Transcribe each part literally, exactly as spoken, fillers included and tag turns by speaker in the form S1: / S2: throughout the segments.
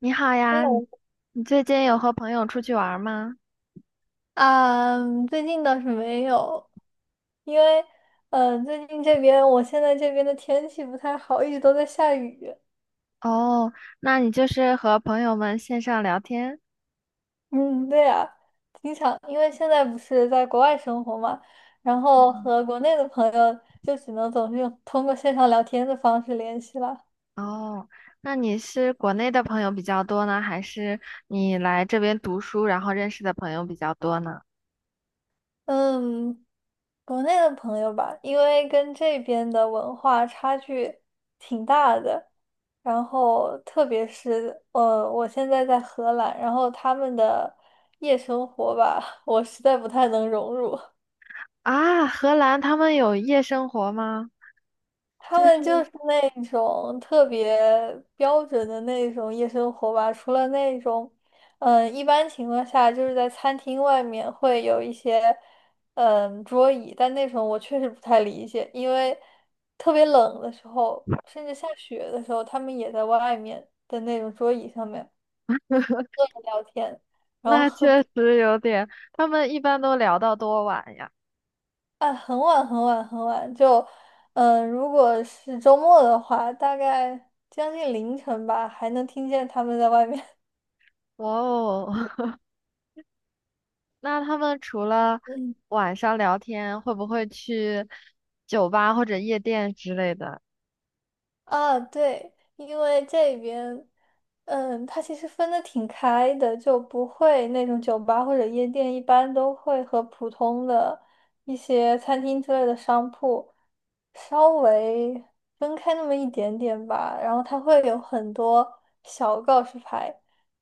S1: 你好呀，你
S2: Hello，
S1: 你最近有和朋友出去玩儿吗？
S2: 啊，最近倒是没有，因为，嗯、呃最近这边我现在这边的天气不太好，一直都在下雨。
S1: 哦，那你就是和朋友们线上聊天？
S2: 嗯，对呀、经常因为现在不是在国外生活嘛，然后
S1: 嗯，
S2: 和国内的朋友就只能总是用通过线上聊天的方式联系了。
S1: 哦，那你是国内的朋友比较多呢，还是你来这边读书然后认识的朋友比较多呢？
S2: 嗯，国内的朋友吧，因为跟这边的文化差距挺大的，然后特别是呃，我现在在荷兰，然后他们的夜生活吧，我实在不太能融入。
S1: 啊，荷兰他们有夜生活吗？
S2: 他
S1: 就
S2: 们就
S1: 是
S2: 是那种特别标准的那种夜生活吧，除了那种，嗯，一般情况下就是在餐厅外面会有一些，嗯，桌椅，但那种我确实不太理解，因为特别冷的时候，甚至下雪的时候，他们也在外面的那种桌椅上面聊天。然后
S1: 那
S2: 喝。
S1: 确实有点，他们一般都聊到多晚呀。
S2: 啊，很晚很晚很晚，就，嗯、如果是周末的话，大概将近凌晨吧，还能听见他们在外面。
S1: 哇哦，那他们除了 晚上聊天，会不会去酒吧或者夜店之类的？
S2: 啊，对，因为这边，嗯，它其实分的挺开的，就不会那种酒吧或者夜店，一般都会和普通的一些餐厅之类的商铺稍微分开那么一点点吧。然后它会有很多小告示牌，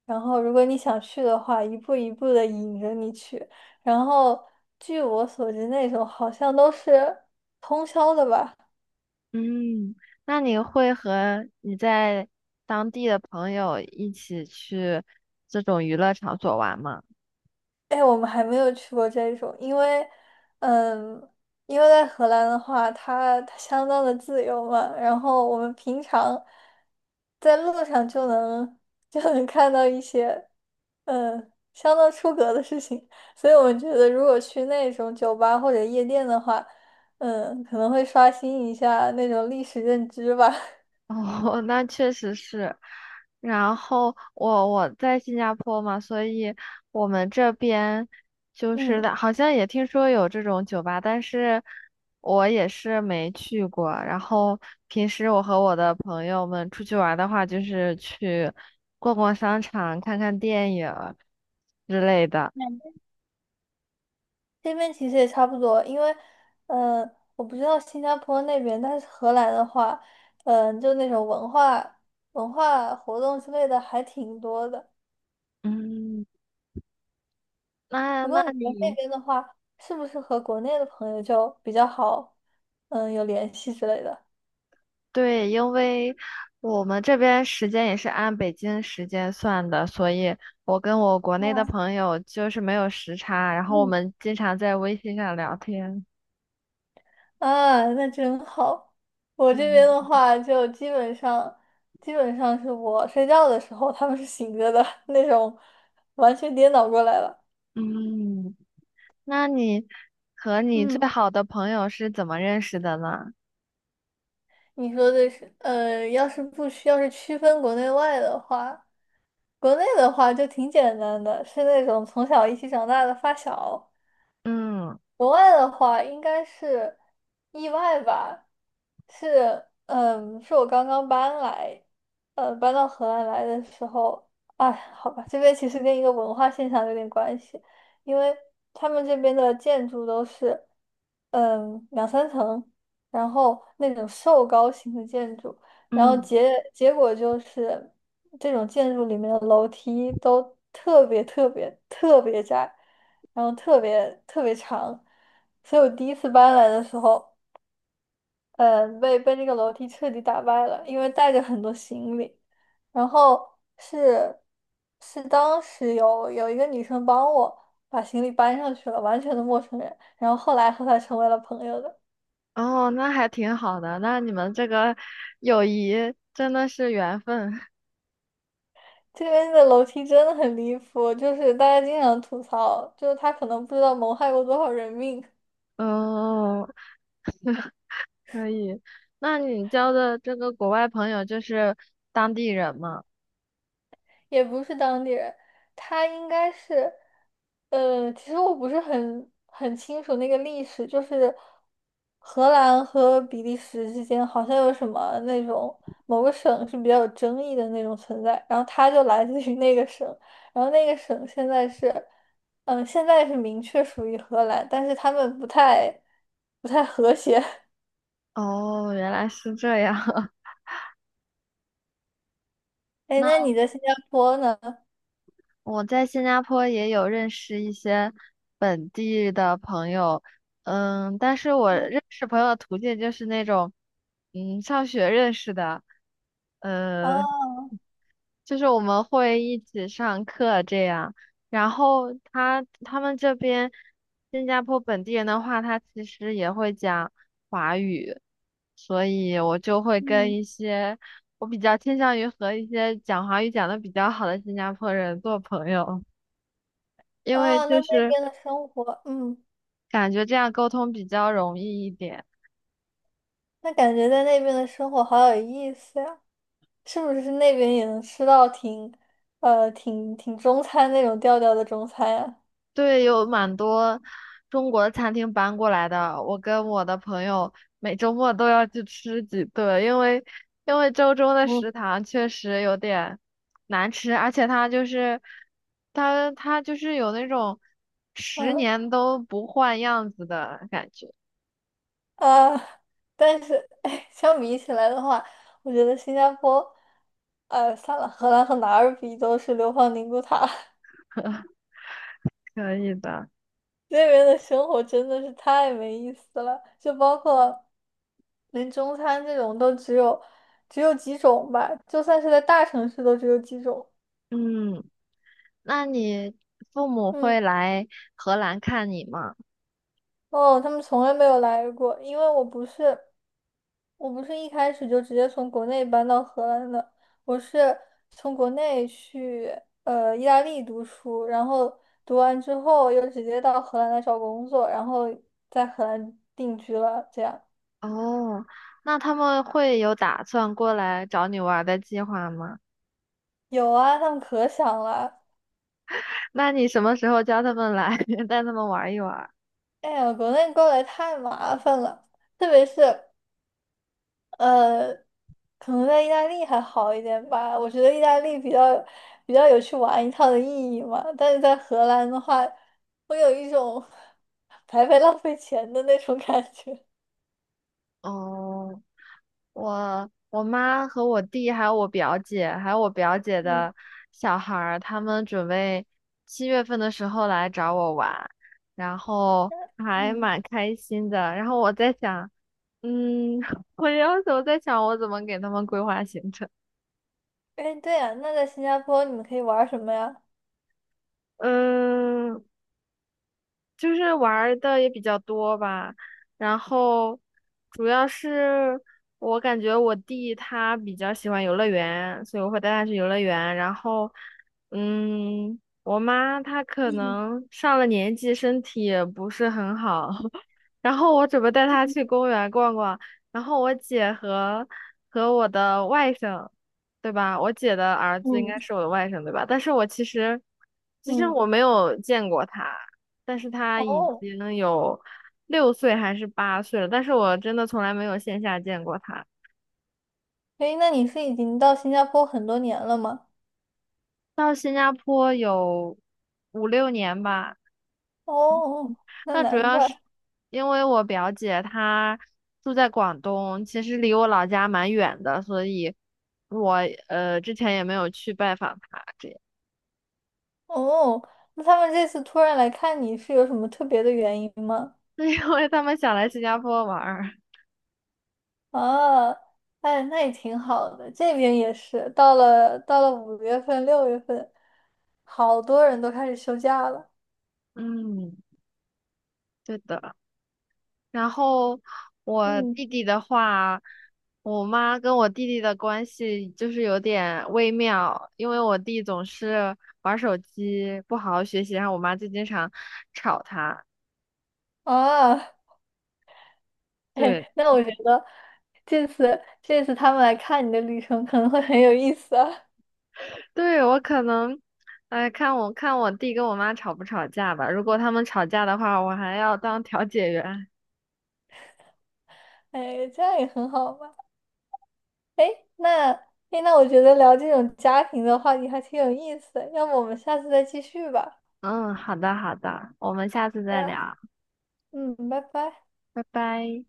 S2: 然后如果你想去的话，一步一步的引着你去。然后据我所知，那种好像都是通宵的吧。
S1: 嗯，那你会和你在当地的朋友一起去这种娱乐场所玩吗？
S2: 哎，我们还没有去过这种，因为，嗯，因为在荷兰的话，它它相当的自由嘛，然后我们平常在路上就能就能看到一些，嗯，相当出格的事情，所以我们觉得如果去那种酒吧或者夜店的话，嗯，可能会刷新一下那种历史认知吧，
S1: 哦，那确实是。然后我我在新加坡嘛，所以我们这边就 是
S2: 嗯。
S1: 的好像也听说有这种酒吧，但是我也是没去过。然后平时我和我的朋友们出去玩的话，就是去逛逛商场、看看电影之类的。
S2: 这边其实也差不多，因为，呃，我不知道新加坡那边，但是荷兰的话，嗯、就那种文化、文化活动之类的还挺多的。
S1: 嗯，那
S2: 不
S1: 那
S2: 过你们那
S1: 你
S2: 边的话，是不是和国内的朋友就比较好，嗯、有联系之类的？
S1: 对，因为我们这边时间也是按北京时间算的，所以我跟我国内的
S2: 啊，
S1: 朋友就是没有时差，然后我
S2: 嗯，
S1: 们经常在微信上聊天。
S2: 啊，那真好。我这边
S1: 对，
S2: 的话，就基本上，基本上是我睡觉的时候，他们是醒着的 那种，完全颠倒过来了。
S1: 嗯，那你和你
S2: 嗯。
S1: 最好的朋友是怎么认识的呢？
S2: 你说的是，呃，要是不需要是区分国内外的话，国内的话就挺简单的，是那种从小一起长大的发小，
S1: 嗯
S2: 国外的话应该是意外吧，是嗯，是我刚刚搬来，呃，搬到河兰来的时候，哎，好吧，这边其实跟一个文化现象有点关系，因为他们这边的建筑都是嗯两三层，然后那种瘦高型的建筑，然后
S1: 嗯，
S2: 结结果就是这种建筑里面的楼梯都特别特别特别窄。然后特别特别长，所以我第一次搬来的时候，嗯，被被那个楼梯彻底打败了，因为带着很多行李，然后是是当时有有一个女生帮我把行李搬上去了，完全的陌生人，然后后来和她成为了朋友的。
S1: 哦，那还挺好的，那你们这个友谊真的是缘分。
S2: 这边的楼梯真的很离谱，就是大家经常吐槽，就是他可能不知道谋害过多少人命。
S1: 哦。可以，那你交的这个国外朋友就是当地人吗？
S2: 也不是当地人，他应该是，呃，其实我不是很很清楚那个历史，就是荷兰和比利时之间好像有什么那种某个省是比较有争议的那种存在，然后他就来自于那个省，然后那个省现在是，嗯、现在是明确属于荷兰，但是他们不太不太和谐。
S1: 哦，原来是这样。
S2: 哎，那
S1: 那
S2: 你在新加坡呢？
S1: 我在新加坡也有认识一些本地的朋友，嗯，但是我
S2: 嗯，
S1: 认识朋友的途径就是那种，嗯，上学认识的，嗯。
S2: 啊，
S1: 就是我们会一起上课这样。然后他他们这边新加坡本地人的话，他其实也会讲华语，所以我就会跟
S2: 嗯，
S1: 一些我比较倾向于和一些讲华语讲的比较好的新加坡人做朋友，因为
S2: 啊，那
S1: 就
S2: 那
S1: 是
S2: 边的生活，嗯。
S1: 感觉这样沟通比较容易一点。
S2: 那感觉在那边的生活好有意思呀！是不是那边也能吃到挺，呃，挺挺中餐那种调调的中餐呀？
S1: 对，有蛮多中国的餐厅搬过来的。我跟我的朋友每周末都要去吃几顿，因为因为周中的
S2: 嗯，
S1: 食堂确实有点难吃，而且它就是它它就是有那种十
S2: 嗯
S1: 年都不换样子的感觉。
S2: 啊，但是哎，相比起来的话，我觉得新加坡，呃，算了，荷兰和哪儿比都是流放宁古塔，
S1: 可以的，
S2: 那边的生活真的是太没意思了，就包括连中餐这种都只有只有几种吧，就算是在大城市都只有几种。
S1: 嗯，那你父母
S2: 嗯。
S1: 会来荷兰看你吗？
S2: 哦，他们从来没有来过，因为我不是，我不是一开始就直接从国内搬到荷兰的，我是从国内去呃意大利读书，然后读完之后又直接到荷兰来找工作，然后在荷兰定居了。这样
S1: 哦，那他们会有打算过来找你玩儿的计划吗？
S2: 有啊，他们可想了。
S1: 那你什么时候叫他们来，带他们玩一玩？
S2: 哎呀，国内过来太麻烦了，特别是。呃，可能在意大利还好一点吧。我觉得意大利比较比较有去玩一趟的意义嘛。但是在荷兰的话，会有一种 白白浪费钱的那种感觉。
S1: 哦，我我妈和我弟还有我表姐，还有我表姐
S2: 嗯
S1: 的小孩儿，他们准备七月份的时候来找我玩，然后还
S2: 嗯
S1: 蛮开心的。然后我在想，嗯，我有时候在想，我怎么给他们规划行程。
S2: 哎，对呀，那在新加坡你们可以玩什么呀？
S1: 嗯，就是玩儿的也比较多吧，然后主要是我感觉我弟他比较喜欢游乐园，所以我会带他去游乐园。然后，嗯，我妈她可
S2: 嗯
S1: 能上了年纪，身体也不是很好，然后我准备带他去公园逛逛，然后我姐和和我的外甥，对吧？我姐的儿子应该
S2: 嗯，
S1: 是我的外甥，对吧？但是我其实其实我
S2: 嗯，
S1: 没有见过他，但是他已
S2: 哦，
S1: 经有六岁还是八岁了，但是我真的从来没有线下见过他。
S2: 哎，那你是已经到新加坡很多年了吗？
S1: 到新加坡有五六年吧。
S2: 哦，那
S1: 那主
S2: 难
S1: 要
S2: 怪。
S1: 是因为我表姐她住在广东，其实离我老家蛮远的，所以我呃之前也没有去拜访她，这样，
S2: 哦，那他们这次突然来看你是有什么特别的原因吗？
S1: 因为他们想来新加坡玩儿。
S2: 啊，哎，那也挺好的。这边也是，到了到了五月份、六月份，好多人都开始休假了。
S1: 嗯，对的。然后我弟
S2: 嗯
S1: 弟的话，我妈跟我弟弟的关系就是有点微妙，因为我弟总是玩手机，不好好学习，然后我妈就经常吵他。
S2: 啊，嘿，
S1: 对，
S2: 那我觉得这次这次他们来看你的旅程可能会很有意思啊。
S1: 对，我可能，哎，看我看我弟跟我妈吵不吵架吧。如果他们吵架的话，我还要当调解员。
S2: 哎，这样也很好嘛。哎，那哎那我觉得聊这种家庭的话题还挺有意思的，要不我们下次再继续吧？
S1: 嗯，好的好的，我们下次
S2: 对
S1: 再
S2: 呀，
S1: 聊，
S2: 嗯，拜拜。
S1: 拜拜。